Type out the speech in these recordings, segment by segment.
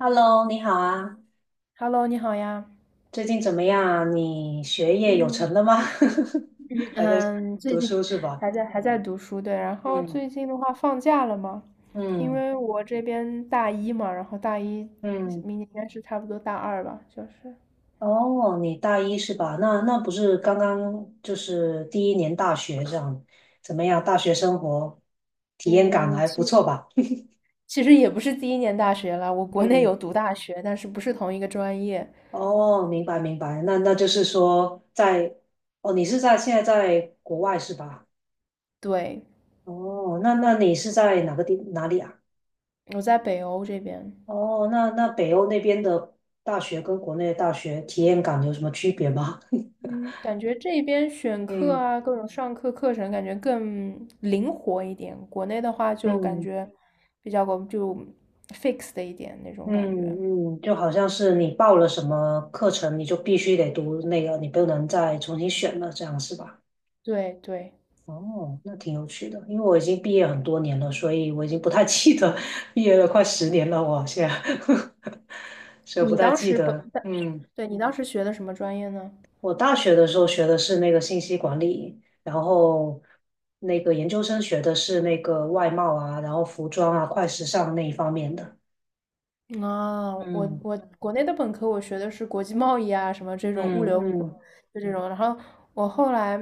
Hello，你好啊，Hello，你好呀。最近怎么样啊？你学业有嗯成了吗？还在嗯，最读书近是吧？还在读书，对。然后嗯最近的话，放假了嘛，因嗯为我这边大一嘛，然后大一嗯，明年应该是差不多大二吧，就是。哦，你大一是吧？那不是刚刚就是第一年大学这样，怎么样？大学生活体验感嗯，还其不实错吧？其实也不是第一年大学了，我 国内嗯，有读大学，但是不是同一个专业。哦，明白明白，那就是说在，哦，你是在现在在国外是吧？对，哦，那你是在哪个地哪里啊？我在北欧这边。哦，那北欧那边的大学跟国内的大学体验感有什么区别吗？嗯，感觉这边选课嗯。啊，各种上课课程感觉更灵活一点。国内的话就感嗯觉比较个就 fix 的一点那种感觉。嗯嗯，就好像是你报了什么课程，你就必须得读那个，你不能再重新选了，这样是吧？对对，哦，那挺有趣的，因为我已经毕业很多年了，所以我已经不太记得 毕业了快10年了，我现在，所以不你太当记时本，得。但是嗯对你当时学的什么专业呢？我大学的时候学的是那个信息管理，然后那个研究生学的是那个外贸啊，然后服装啊、快时尚那一方面的。啊，我嗯我国内的本科我学的是国际贸易啊，什么这种物嗯流，嗯，就这种。然后我后来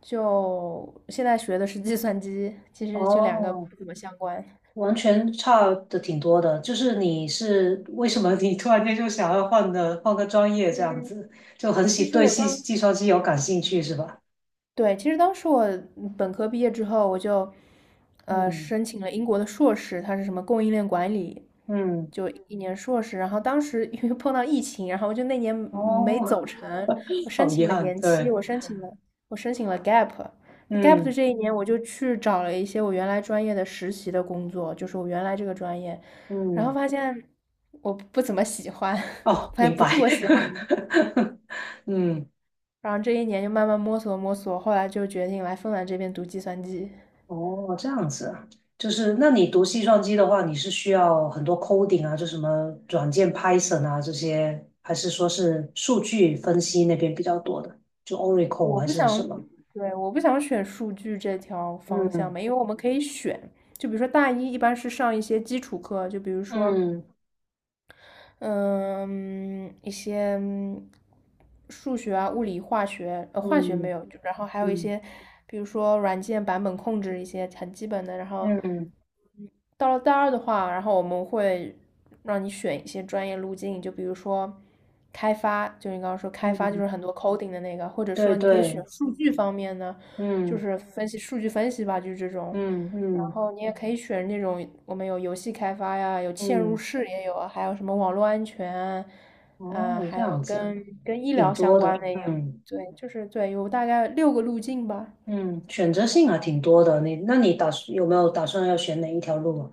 就现在学的是计算机，其实就两个哦，不怎么相关。完全差的挺多的。就是你是为什么你突然间就想要换个专业这样嗯，子，就很其喜实对我计当计算机有感兴趣是吧？对，其实当时我本科毕业之后，我就嗯申请了英国的硕士，它是什么供应链管理，嗯，就一年硕士。然后当时因为碰到疫情，然后我就那年没走哦，成，我 申好遗请了憾，延期，对，我申请了 gap。那 gap 的嗯这一年，我就去找了一些我原来专业的实习的工作，就是我原来这个专业，然后嗯。发现我不怎么喜欢，哦，发现明不是白。我喜欢的，嗯，然后这一年就慢慢摸索摸索，后来就决定来芬兰这边读计算机。哦，这样子啊，就是那你读计算机的话，你是需要很多 coding 啊，就什么软件 Python 啊这些，还是说是数据分析那边比较多的，就 Oracle 我还不是什想，么？对，我不想选数据这条方向嗯嘛，因为我们可以选，就比如说大一一般是上一些基础课，就比如说嗯嗯，一些数学啊、物理、化学，化学没嗯有，就然后还有一嗯些，比如说软件版本控制一些很基本的。然后嗯到了大二的话，然后我们会让你选一些专业路径，就比如说开发，就你刚刚说开发就嗯，是很多 coding 的那个，或者对说你可以选对，数据方面呢。就嗯是分析数据分析吧，就是这种。嗯然嗯后你也可以选那种我们有游戏开发呀，有嵌入嗯，式也有啊还有什么网络安全啊，啊哦，这还有样子啊，跟医疗挺相多关的，的也有。嗯。对，就是对，有大概六个路径吧。嗯，选择性还挺多的。那你有没有打算要选哪一条路啊？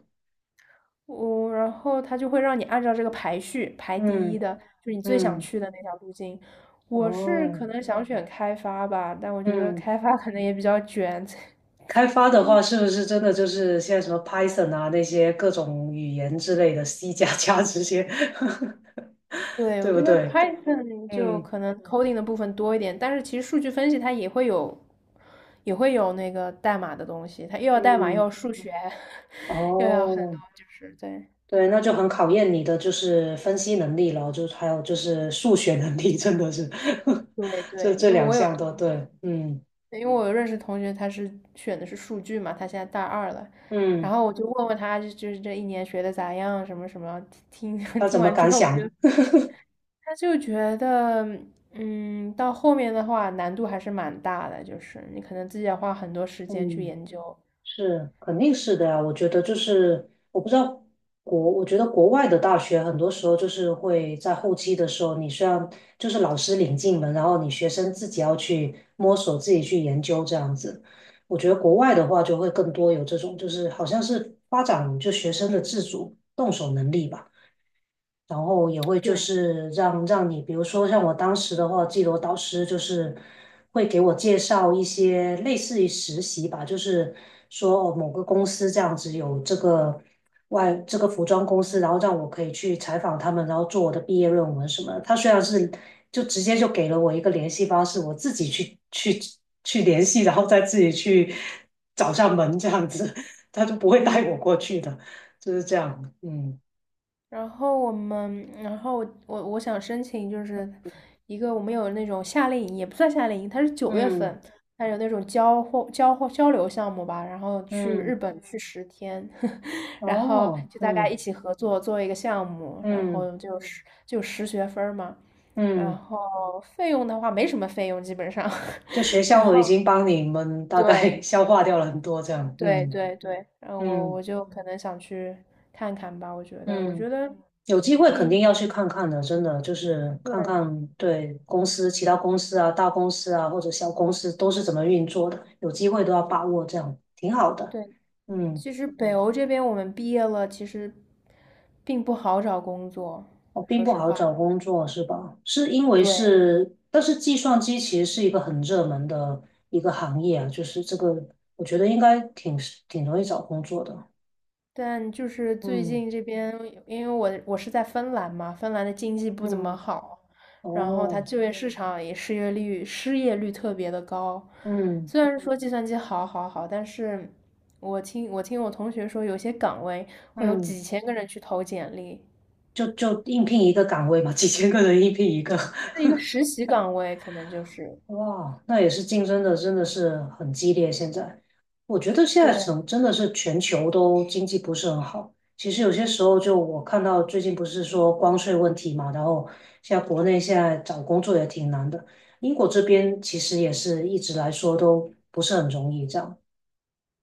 然后他就会让你按照这个排序排第一嗯的，就是你最想嗯，去的那条路径。我是可哦，能想选开发吧，但我觉得嗯，开发可能也比较卷，开发的话，是不是真的就是现在什么 Python 啊那些各种语言之类的，C 加加这些，对，对我不觉得 对？Python 就嗯可能 coding 的部分多一点，但是其实数据分析它也会有那个代码的东西，它又要代码，又嗯，要数学，又要很多，哦，就是对，对，那就很考验你的就是分析能力了，就还有就是数学能力，真的是，对这对，这两项都对。嗯因为我有认识同学，他是选的是数据嘛，他现在大二了，然嗯，后我就问问他，就是这一年学的咋样，什么什么，听 要听怎么完之敢后，想？他就觉得，嗯，到后面的话难度还是蛮大的，就是你可能自己要花很多时间去嗯。研究。是，肯定是的呀。我觉得就是，我不知道我觉得国外的大学很多时候就是会在后期的时候，你虽然就是老师领进门，然后你学生自己要去摸索、自己去研究这样子。我觉得国外的话就会更多有这种，就是好像是发展就学生的自主动手能力吧。然后也会就对，是让你，比如说像我当时的话，记得我导师就是会给我介绍一些类似于实习吧，就是说哦某个公司这样子有这个外这个服装公司，然后让我可以去采访他们，然后做我的毕业论文什么的他虽然是就直接就给了我一个联系方式，我自己去联系，然后再自己去找上门这样子，他就不会嗯，带我过去的，就是这样，嗯然后我们，然后我想申请就是一个我们有那种夏令营，也不算夏令营，它是九月嗯。份，它有那种交流项目吧，然后去日嗯，本去10天，然后哦，就大家嗯一起合作做一个项目，然嗯后就10学分儿嘛，然嗯，后费用的话没什么费用基本上，就学 然校我后已经帮你们大概 对消化掉了很多，这样，对嗯对对，然后我嗯我就可能想去看看吧，我觉得我嗯，觉得有机会肯定你。要去看看的，真的就是看对，看对公司、其他公司啊、大公司啊或者小公司都是怎么运作的，有机会都要把握，这样挺好的，对，嗯。其实北欧这边我们毕业了，其实并不好找工作，我并说不实好话。找工作是吧？是因为对，是，但是计算机其实是一个很热门的一个行业啊，就是这个，我觉得应该挺容易找工作的。但就是最嗯近这边，因为我是在芬兰嘛，芬兰的经济不怎么嗯，好，然后它哦，就业市场也失业率特别的高。嗯虽然说计算机好好好，但是我听我同学说，有些岗位会有嗯，几千个人去投简历，就就应聘一个岗位嘛，几千个人应聘一个。是一个 实习岗位，可能就是。哇，那也是竞争的，真的是很激烈。现在，我觉得现在对。真的是全球都经济不是很好。其实有些时候，就我看到最近不是说关税问题嘛，然后现在国内现在找工作也挺难的。英国这边其实也是一直来说都不是很容易这样。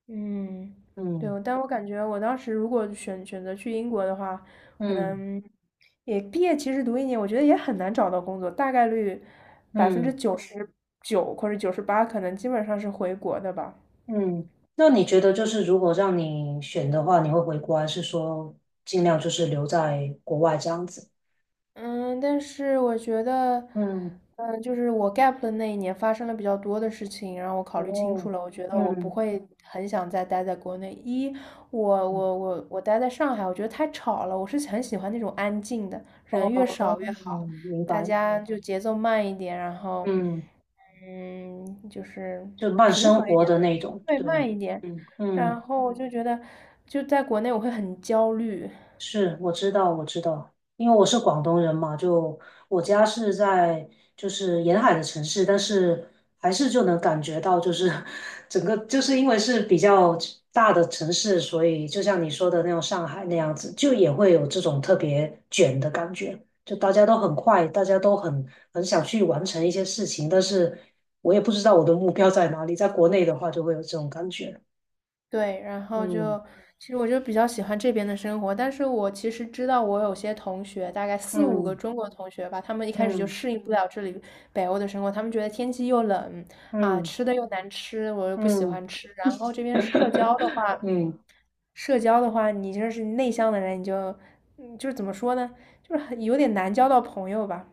嗯，对，嗯但我感觉我当时如果选择去英国的话，可嗯能也毕业其实读一年，我觉得也很难找到工作，大概率百分之嗯九十九或者98，可能基本上是回国的吧。嗯。那你觉得就是如果让你选的话，你会回国还是说尽量就是留在国外这样子？嗯，但是我觉得，嗯。就是我 gap 的那一年发生了比较多的事情，然后我考虑清楚哦，了，我觉得我不嗯，会很想再待在国内。一，我待在上海，我觉得太吵了，我是很喜欢那种安静的，哦，人越哦，少越哦好，明大白，家就节奏慢一点，然后，嗯，嗯，就是就慢生活的那种，对对，慢一点，嗯然嗯。后我就觉得就在国内我会很焦虑。是，我知道，我知道，因为我是广东人嘛，就我家是在就是沿海的城市，但是还是就能感觉到，就是 整个就是因为是比较大的城市，所以就像你说的那种上海那样子，就也会有这种特别卷的感觉，就大家都很快，大家都很想去完成一些事情，但是我也不知道我的目标在哪里，在国内的话就会有这种感觉，对，然后就，嗯其实我就比较喜欢这边的生活，但是我其实知道我有些同学，大概四五个嗯中国同学吧，他们一开始嗯就嗯适应不了这里北欧的生活，他们觉得天气又冷啊，嗯。吃的又难吃，我又不喜嗯 欢吃，然后这边社交的 话，嗯，社交的话，你就是内向的人，你就，嗯就是怎么说呢，就是很有点难交到朋友吧，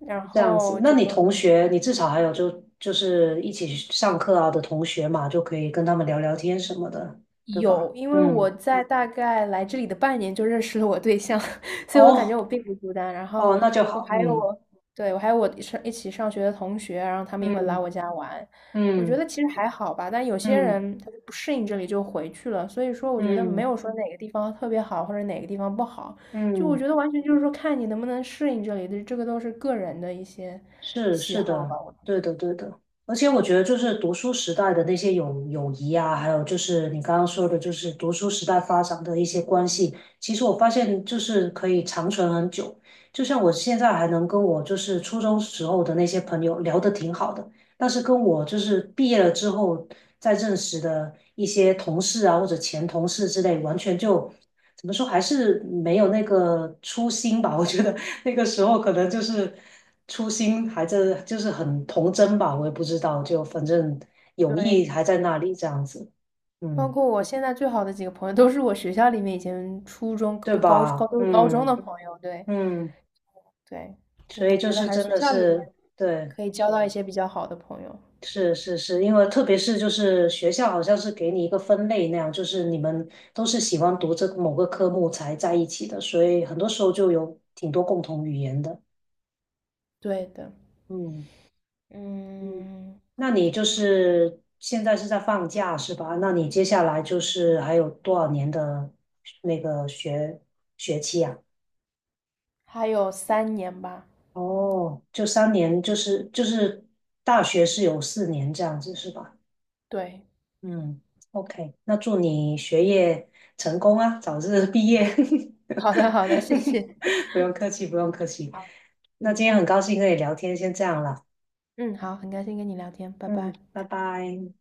然这样子。后那就。你同学，你至少还有就是一起上课啊的同学嘛，就可以跟他们聊聊天什么的，对吧？有，因为嗯，我在大概来这里的半年就认识了我对象，所以我感觉哦我并不孤单。然后哦，那就我好。还有嗯我，对，我还有我上一起上学的同学，然后他们也会来我嗯家玩。我觉嗯得其实还好吧，但有些嗯人他就不适应这里就回去了。所以说，我觉得嗯没嗯。有说哪个地方特别好或者哪个地方不好，就我嗯觉得完全就是说看你能不能适应这里的，这个都是个人的一些是喜是好的，吧。对的对的，而且我觉得就是读书时代的那些友谊啊，还有就是你刚刚说的，就是读书时代发展的一些关系，其实我发现就是可以长存很久。就像我现在还能跟我就是初中时候的那些朋友聊得挺好的，但是跟我就是毕业了之后再认识的一些同事啊或者前同事之类，完全就怎么说还是没有那个初心吧，我觉得那个时候可能就是初心还在，就是很童真吧，我也不知道，就反正友谊对，还在那里这样子，包嗯，括我现在最好的几个朋友，都是我学校里面以前初中、高对高高吧？都是高中的嗯朋友。对嗯，对，就所是以我就觉得是还是真学的校里面是对，可以交到一些比较好的朋友。是是是，因为特别是就是学校好像是给你一个分类那样，就是你们都是喜欢读这某个科目才在一起的，所以很多时候就有挺多共同语言的，对的，嗯。嗯，嗯，那你就是现在是在放假是吧？那你接下来就是还有多少年的那个学期啊？还有3年吧。哦，就3年，就是大学是有4年这样子是吧？对，嗯，OK，那祝你学业成功啊，早日毕嗯，业。好的好的，谢谢。不用客气，不用客气。好，那今嗯天很高兴跟你聊天，先这样了。嗯，好，很开心跟你聊天，拜嗯，拜。拜拜。